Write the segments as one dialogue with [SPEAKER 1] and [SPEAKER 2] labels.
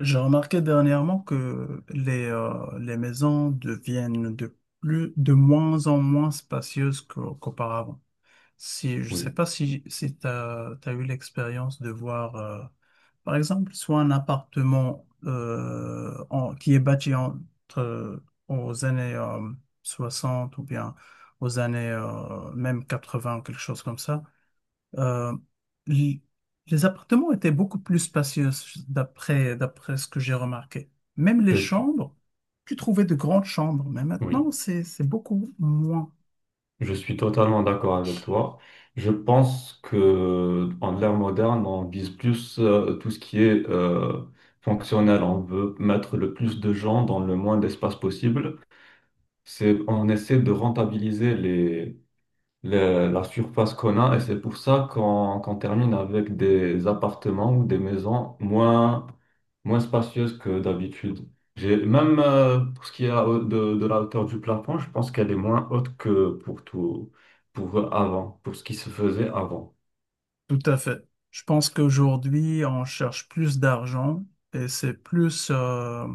[SPEAKER 1] J'ai remarqué dernièrement que les maisons deviennent de moins en moins spacieuses qu'auparavant. Si, je ne sais
[SPEAKER 2] Oui,
[SPEAKER 1] pas si tu as eu l'expérience de voir, par exemple, soit un appartement qui est bâti entre, aux années 60, ou bien aux années même 20, quelque chose comme ça. Euh, l- les appartements étaient beaucoup plus spacieux d'après ce que j'ai remarqué. Même les
[SPEAKER 2] je suis,
[SPEAKER 1] chambres, tu trouvais de grandes chambres, mais
[SPEAKER 2] oui,
[SPEAKER 1] maintenant c'est beaucoup moins.
[SPEAKER 2] je suis totalement d'accord avec toi. Je pense que en l'ère moderne, on vise plus tout ce qui est fonctionnel. On veut mettre le plus de gens dans le moins d'espace possible. C'est, on essaie de rentabiliser les, la surface qu'on a, et c'est pour ça qu'on termine avec des appartements ou des maisons moins, moins spacieuses que d'habitude. J'ai, même pour ce qui est de la hauteur du plafond, je pense qu'elle est moins haute que pour tout, pour avant, pour ce qui se faisait avant.
[SPEAKER 1] Tout à fait. Je pense qu'aujourd'hui on cherche plus d'argent, et c'est plus euh,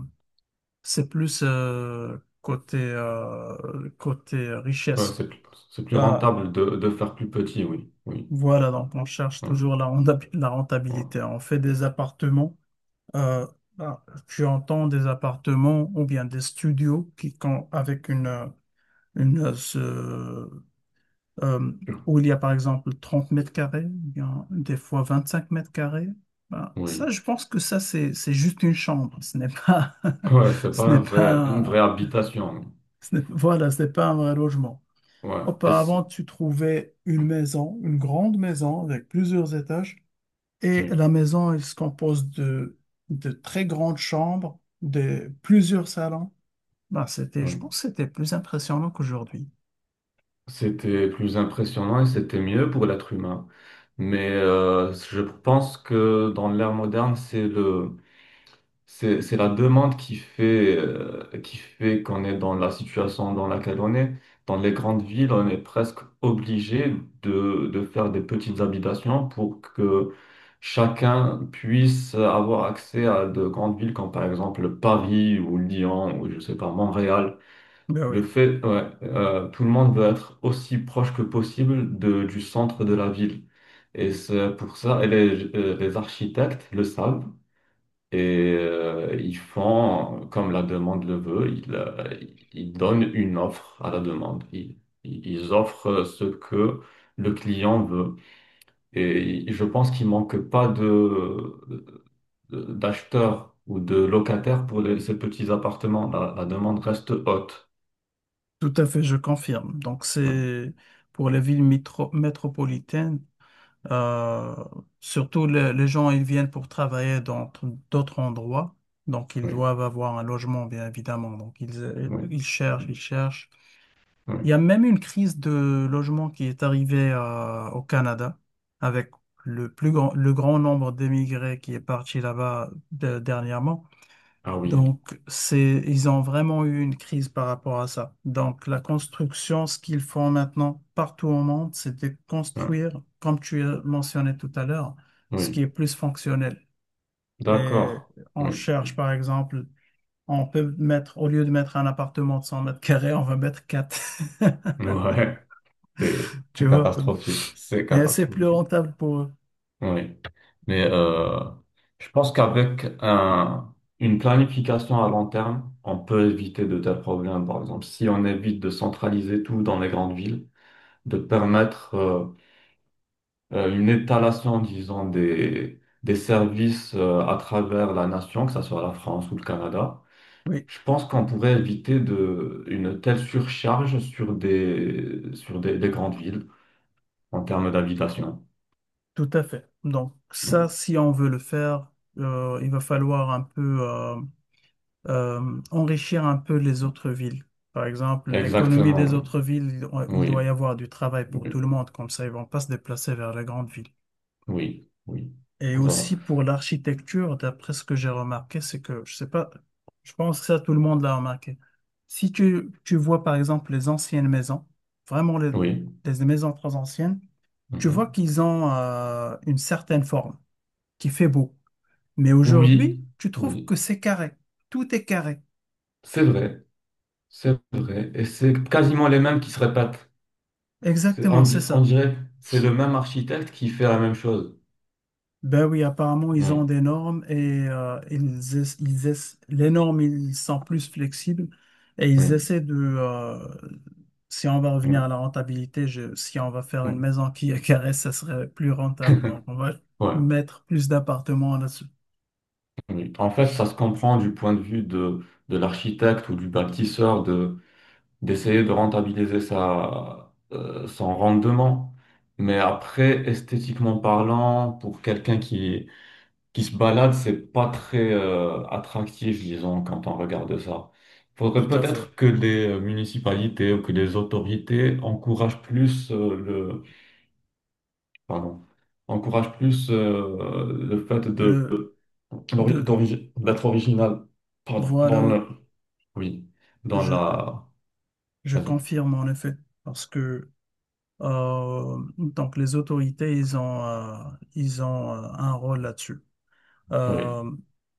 [SPEAKER 1] c'est plus euh, côté euh, côté
[SPEAKER 2] Ouais,
[SPEAKER 1] richesse.
[SPEAKER 2] c'est plus
[SPEAKER 1] Euh,
[SPEAKER 2] rentable de faire plus petit, oui, oui,
[SPEAKER 1] voilà, donc on cherche
[SPEAKER 2] ouais,
[SPEAKER 1] toujours la
[SPEAKER 2] ouais,
[SPEAKER 1] rentabilité. On fait des appartements. Euh, ah, Tu entends des appartements ou bien des studios avec une euh, où il y a par exemple 30 mètres carrés, ou bien des fois 25 mètres carrés. Ben, ça,
[SPEAKER 2] oui.
[SPEAKER 1] je pense que ça c'est juste une chambre. Ce n'est pas,
[SPEAKER 2] Ouais, c'est pas
[SPEAKER 1] ce
[SPEAKER 2] un
[SPEAKER 1] n'est
[SPEAKER 2] vrai, une vraie
[SPEAKER 1] pas,
[SPEAKER 2] habitation, oui.
[SPEAKER 1] ce n'est- voilà, ce n'est pas un vrai logement.
[SPEAKER 2] Ouais,
[SPEAKER 1] Auparavant, tu trouvais une maison, une grande maison avec plusieurs étages. Et la
[SPEAKER 2] oui,
[SPEAKER 1] maison, elle se compose de très grandes chambres, de plusieurs salons. Je pense
[SPEAKER 2] oui.
[SPEAKER 1] que c'était plus impressionnant qu'aujourd'hui.
[SPEAKER 2] C'était plus impressionnant et c'était mieux pour l'être humain. Mais je pense que dans l'ère moderne, c'est le, c'est la demande qui fait qu'on est dans la situation dans laquelle on est. Dans les grandes villes, on est presque obligé de faire des petites habitations pour que chacun puisse avoir accès à de grandes villes comme par exemple Paris ou Lyon ou je sais pas, Montréal.
[SPEAKER 1] Ben
[SPEAKER 2] Le
[SPEAKER 1] oui.
[SPEAKER 2] fait, ouais, tout le monde veut être aussi proche que possible de, du centre de la ville. Et c'est pour ça, et les architectes le savent et ils font comme la demande le veut, ils, ils donnent une offre à la demande. Ils offrent ce que le client veut. Et je pense qu'il manque pas de, d'acheteurs ou de locataires pour ces petits appartements. La demande reste haute.
[SPEAKER 1] Tout à fait, je confirme. Donc
[SPEAKER 2] Oui,
[SPEAKER 1] c'est pour les villes métropolitaines. Euh, Surtout, les gens, ils viennent pour travailler dans d'autres endroits. Donc ils
[SPEAKER 2] oui,
[SPEAKER 1] doivent avoir un logement, bien évidemment. Donc ils
[SPEAKER 2] oui,
[SPEAKER 1] cherchent, ils cherchent. Il y a
[SPEAKER 2] oui.
[SPEAKER 1] même une crise de logement qui est arrivée au Canada avec le grand nombre d'émigrés qui est parti là-bas dernièrement.
[SPEAKER 2] Ah oui,
[SPEAKER 1] Ils ont vraiment eu une crise par rapport à ça. Donc la construction, ce qu'ils font maintenant partout au monde, c'est de
[SPEAKER 2] hein,
[SPEAKER 1] construire, comme tu as mentionné tout à l'heure, ce qui est
[SPEAKER 2] oui,
[SPEAKER 1] plus fonctionnel. Mais
[SPEAKER 2] d'accord,
[SPEAKER 1] on
[SPEAKER 2] oui,
[SPEAKER 1] cherche, par exemple, on peut mettre, au lieu de mettre un appartement de 100 mètres carrés, on va mettre 4.
[SPEAKER 2] ouais, c'est
[SPEAKER 1] Tu vois?
[SPEAKER 2] catastrophique, c'est
[SPEAKER 1] Et c'est plus
[SPEAKER 2] catastrophique,
[SPEAKER 1] rentable pour eux.
[SPEAKER 2] oui. Mais je pense qu'avec un, une planification à long terme, on peut éviter de tels problèmes. Par exemple, si on évite de centraliser tout dans les grandes villes, de permettre une étalation, disons, des services à travers la nation, que ce soit la France ou le Canada.
[SPEAKER 1] Oui,
[SPEAKER 2] Je pense qu'on pourrait éviter de, une telle surcharge sur des grandes villes en termes d'habitation.
[SPEAKER 1] tout à fait. Donc, ça, si on veut le faire, il va falloir un peu. Enrichir un peu les autres villes. Par exemple, l'économie des
[SPEAKER 2] Exactement,
[SPEAKER 1] autres villes, il doit y
[SPEAKER 2] oui.
[SPEAKER 1] avoir du travail
[SPEAKER 2] Oui,
[SPEAKER 1] pour tout le monde, comme ça ils vont pas se déplacer vers les grandes villes.
[SPEAKER 2] oui, oui.
[SPEAKER 1] Et
[SPEAKER 2] Pour,
[SPEAKER 1] aussi pour l'architecture, d'après ce que j'ai remarqué, c'est que, je sais pas, je pense que ça, tout le monde l'a remarqué. Si tu, Tu vois par exemple les anciennes maisons, vraiment
[SPEAKER 2] oui.
[SPEAKER 1] les maisons très anciennes, tu vois
[SPEAKER 2] Mhm.
[SPEAKER 1] qu'ils ont une certaine forme qui fait beau. Mais aujourd'hui,
[SPEAKER 2] Oui,
[SPEAKER 1] tu trouves
[SPEAKER 2] oui.
[SPEAKER 1] que c'est carré. Tout est carré.
[SPEAKER 2] C'est vrai, c'est vrai. Et c'est quasiment les mêmes qui se répètent. C'est, on,
[SPEAKER 1] Exactement, c'est
[SPEAKER 2] on
[SPEAKER 1] ça.
[SPEAKER 2] dirait c'est le même architecte qui fait la même chose.
[SPEAKER 1] Ben oui, apparemment, ils ont
[SPEAKER 2] Oui,
[SPEAKER 1] des normes, et les normes, ils sont plus flexibles, et ils
[SPEAKER 2] oui,
[SPEAKER 1] essaient si on va revenir à
[SPEAKER 2] oui,
[SPEAKER 1] la rentabilité, si on va faire une
[SPEAKER 2] oui.
[SPEAKER 1] maison qui est carrée, ça serait plus rentable. Donc on va
[SPEAKER 2] Ouais,
[SPEAKER 1] mettre plus d'appartements là-dessus.
[SPEAKER 2] oui. En fait, ça se comprend du point de vue de l'architecte ou du bâtisseur d'essayer de rentabiliser sa, son rendement. Mais après, esthétiquement parlant, pour quelqu'un qui se balade, c'est pas très attractif, disons, quand on regarde ça. Il faudrait
[SPEAKER 1] Tout à fait.
[SPEAKER 2] peut-être que les municipalités ou que les autorités encouragent plus le, pardon, encouragent plus le fait de
[SPEAKER 1] Le, de,
[SPEAKER 2] d'être original, pardon,
[SPEAKER 1] voilà,
[SPEAKER 2] dans
[SPEAKER 1] oui,
[SPEAKER 2] le, oui, dans
[SPEAKER 1] je,
[SPEAKER 2] la,
[SPEAKER 1] je
[SPEAKER 2] vas-y,
[SPEAKER 1] confirme en effet. Parce que donc les autorités, ils ont un rôle là-dessus.
[SPEAKER 2] oui,
[SPEAKER 1] Euh,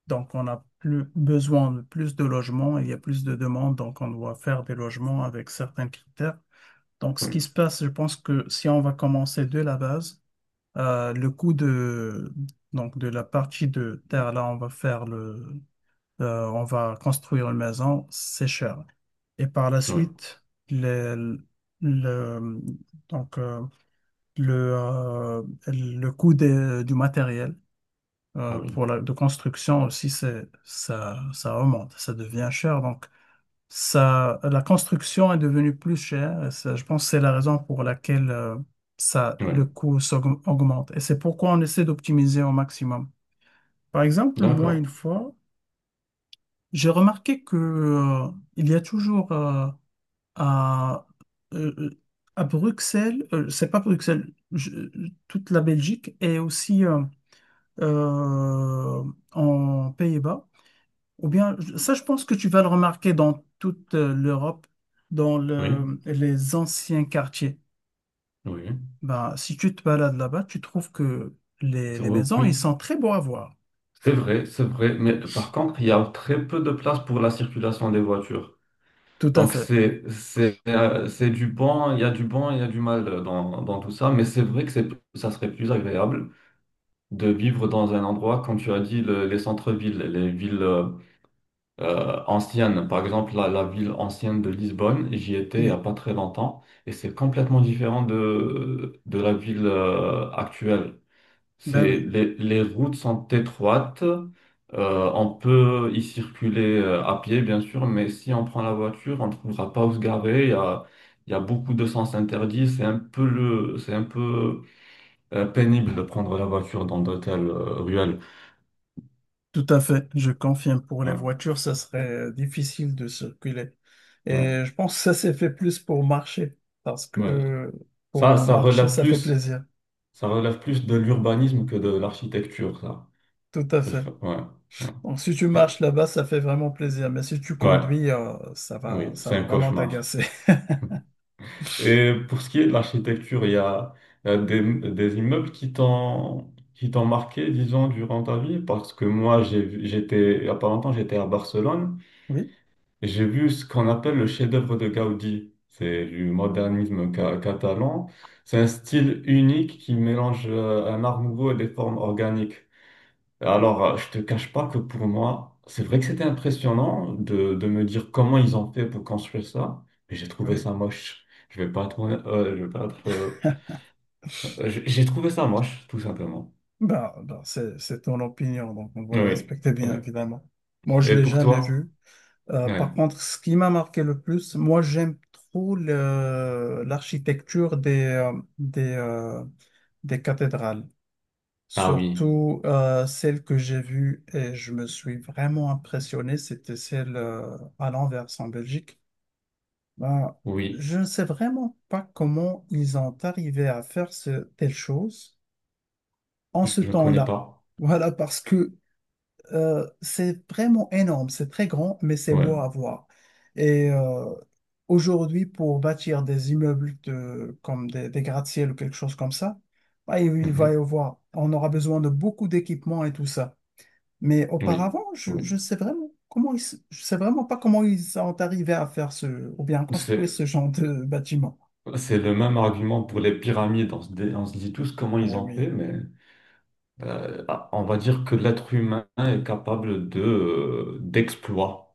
[SPEAKER 1] donc on a plus besoin de plus de logements, il y a plus de demandes, donc on doit faire des logements avec certains critères. Donc ce
[SPEAKER 2] oui,
[SPEAKER 1] qui se passe, je pense que si on va commencer de la base, le coût de, donc de la partie de terre, là, on va on va construire une maison, c'est cher. Et par la
[SPEAKER 2] oui,
[SPEAKER 1] suite, le, le, donc, euh, le coût du matériel
[SPEAKER 2] ah oui.
[SPEAKER 1] pour la de construction aussi, ça remonte, ça devient cher. Donc ça, la construction est devenue plus chère. Et ça, je pense que c'est la raison pour laquelle le
[SPEAKER 2] Ouais,
[SPEAKER 1] coût augmente. Et c'est pourquoi on essaie d'optimiser au maximum. Par exemple, moi, une
[SPEAKER 2] d'accord.
[SPEAKER 1] fois, j'ai remarqué que il y a toujours à, euh, euh, à Bruxelles, c'est pas Bruxelles, toute la Belgique et aussi euh, en Pays-Bas. Ou bien, ça, je pense que tu vas le remarquer dans toute l'Europe, dans
[SPEAKER 2] Oui,
[SPEAKER 1] les anciens quartiers.
[SPEAKER 2] oui,
[SPEAKER 1] Ben, si tu te balades là-bas, tu trouves que les
[SPEAKER 2] Oui,
[SPEAKER 1] maisons, ils
[SPEAKER 2] oui.
[SPEAKER 1] sont très beaux à voir.
[SPEAKER 2] C'est vrai, c'est vrai. Mais par contre, il y a très peu de place pour la circulation des voitures.
[SPEAKER 1] Tout à
[SPEAKER 2] Donc
[SPEAKER 1] fait.
[SPEAKER 2] c'est c'est du bon, il y a du bon, il y a du mal dans, dans tout ça. Mais c'est vrai que c'est ça serait plus agréable de vivre dans un endroit, comme tu as dit, les centres-villes, les villes anciennes. Par exemple, la ville ancienne de Lisbonne, j'y étais il n'y a
[SPEAKER 1] Oui,
[SPEAKER 2] pas très longtemps, et c'est complètement différent de la ville actuelle.
[SPEAKER 1] ben
[SPEAKER 2] C'est
[SPEAKER 1] oui,
[SPEAKER 2] les routes sont étroites. On peut y circuler à pied, bien sûr, mais si on prend la voiture, on ne trouvera pas où se garer. Il y a beaucoup de sens interdits. C'est un peu le, c'est un peu pénible de prendre la voiture dans d'hôtels ruelles.
[SPEAKER 1] tout à fait. Je confirme, pour les
[SPEAKER 2] Ouais,
[SPEAKER 1] voitures, ça serait difficile de circuler.
[SPEAKER 2] ouais,
[SPEAKER 1] Et je pense que ça s'est fait plus pour marcher, parce
[SPEAKER 2] ouais.
[SPEAKER 1] que
[SPEAKER 2] Ça,
[SPEAKER 1] pour marcher, ça fait plaisir.
[SPEAKER 2] ça relève plus de l'urbanisme que de l'architecture, ça.
[SPEAKER 1] Tout à fait.
[SPEAKER 2] Ouais, ouais.
[SPEAKER 1] Donc si tu
[SPEAKER 2] Et-
[SPEAKER 1] marches là-bas, ça fait vraiment plaisir. Mais si tu
[SPEAKER 2] ouais,
[SPEAKER 1] conduis,
[SPEAKER 2] oui,
[SPEAKER 1] ça
[SPEAKER 2] c'est un
[SPEAKER 1] va vraiment
[SPEAKER 2] cauchemar.
[SPEAKER 1] t'agacer.
[SPEAKER 2] Et pour ce qui est de l'architecture, il y a des immeubles qui t'ont marqué, disons, durant ta vie, parce que moi, j'ai, j'étais, il y a pas longtemps, j'étais à Barcelone,
[SPEAKER 1] Oui,
[SPEAKER 2] et j'ai vu ce qu'on appelle le chef-d'œuvre de Gaudi. C'est du modernisme catalan. C'est un style unique qui mélange un art nouveau et des formes organiques. Alors, je te cache pas que pour moi, c'est vrai que c'était impressionnant de me dire comment ils ont fait pour construire ça, mais j'ai trouvé
[SPEAKER 1] oui.
[SPEAKER 2] ça moche. Je vais pas être, je vais pas être, j'ai trouvé ça moche, tout simplement.
[SPEAKER 1] Ben, ben, c'est ton opinion, donc on doit la
[SPEAKER 2] Oui,
[SPEAKER 1] respecter bien
[SPEAKER 2] ouais.
[SPEAKER 1] évidemment. Moi, je
[SPEAKER 2] Et
[SPEAKER 1] l'ai
[SPEAKER 2] pour
[SPEAKER 1] jamais
[SPEAKER 2] toi?
[SPEAKER 1] vu.
[SPEAKER 2] Ouais.
[SPEAKER 1] Par contre, ce qui m'a marqué le plus, moi, j'aime trop l'architecture des, euh, des cathédrales.
[SPEAKER 2] Ah oui,
[SPEAKER 1] Surtout celle que j'ai vue et je me suis vraiment impressionné, c'était celle à l'Anvers en Belgique. Ben,
[SPEAKER 2] oui,
[SPEAKER 1] je ne sais vraiment pas comment ils ont arrivé à faire ce, telle chose en ce
[SPEAKER 2] je ne connais
[SPEAKER 1] temps-là.
[SPEAKER 2] pas.
[SPEAKER 1] Voilà, parce que c'est vraiment énorme, c'est très grand, mais c'est
[SPEAKER 2] Ouais.
[SPEAKER 1] beau à voir. Et aujourd'hui, pour bâtir des immeubles de, comme des gratte-ciel ou quelque chose comme ça, bah, il va y
[SPEAKER 2] Mhm.
[SPEAKER 1] avoir, on aura besoin de beaucoup d'équipements et tout ça. Mais
[SPEAKER 2] Oui,
[SPEAKER 1] auparavant,
[SPEAKER 2] oui.
[SPEAKER 1] je sais vraiment comment je sais vraiment pas comment ils sont arrivés à faire ce, ou bien construire
[SPEAKER 2] C'est,
[SPEAKER 1] ce genre de bâtiment.
[SPEAKER 2] c'est le même argument pour les pyramides. On se, on se dit tous comment ils
[SPEAKER 1] Eh
[SPEAKER 2] ont fait,
[SPEAKER 1] oui.
[SPEAKER 2] mais on va dire que l'être humain est capable de d'exploits.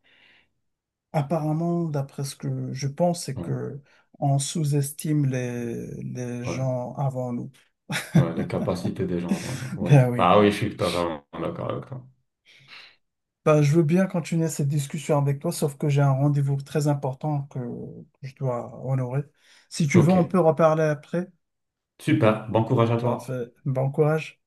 [SPEAKER 1] Apparemment, d'après ce que je pense, c'est
[SPEAKER 2] Ouais,
[SPEAKER 1] que on sous-estime les
[SPEAKER 2] ouais,
[SPEAKER 1] gens avant nous.
[SPEAKER 2] ouais, les capacités des gens. Vraiment, ouais.
[SPEAKER 1] Ben oui.
[SPEAKER 2] Ah oui, je suis totalement d'accord avec toi.
[SPEAKER 1] Ben, je veux bien continuer cette discussion avec toi, sauf que j'ai un rendez-vous très important que je dois honorer. Si tu veux,
[SPEAKER 2] Ok,
[SPEAKER 1] on peut reparler après.
[SPEAKER 2] super. Bon courage à toi.
[SPEAKER 1] Parfait. Bon courage.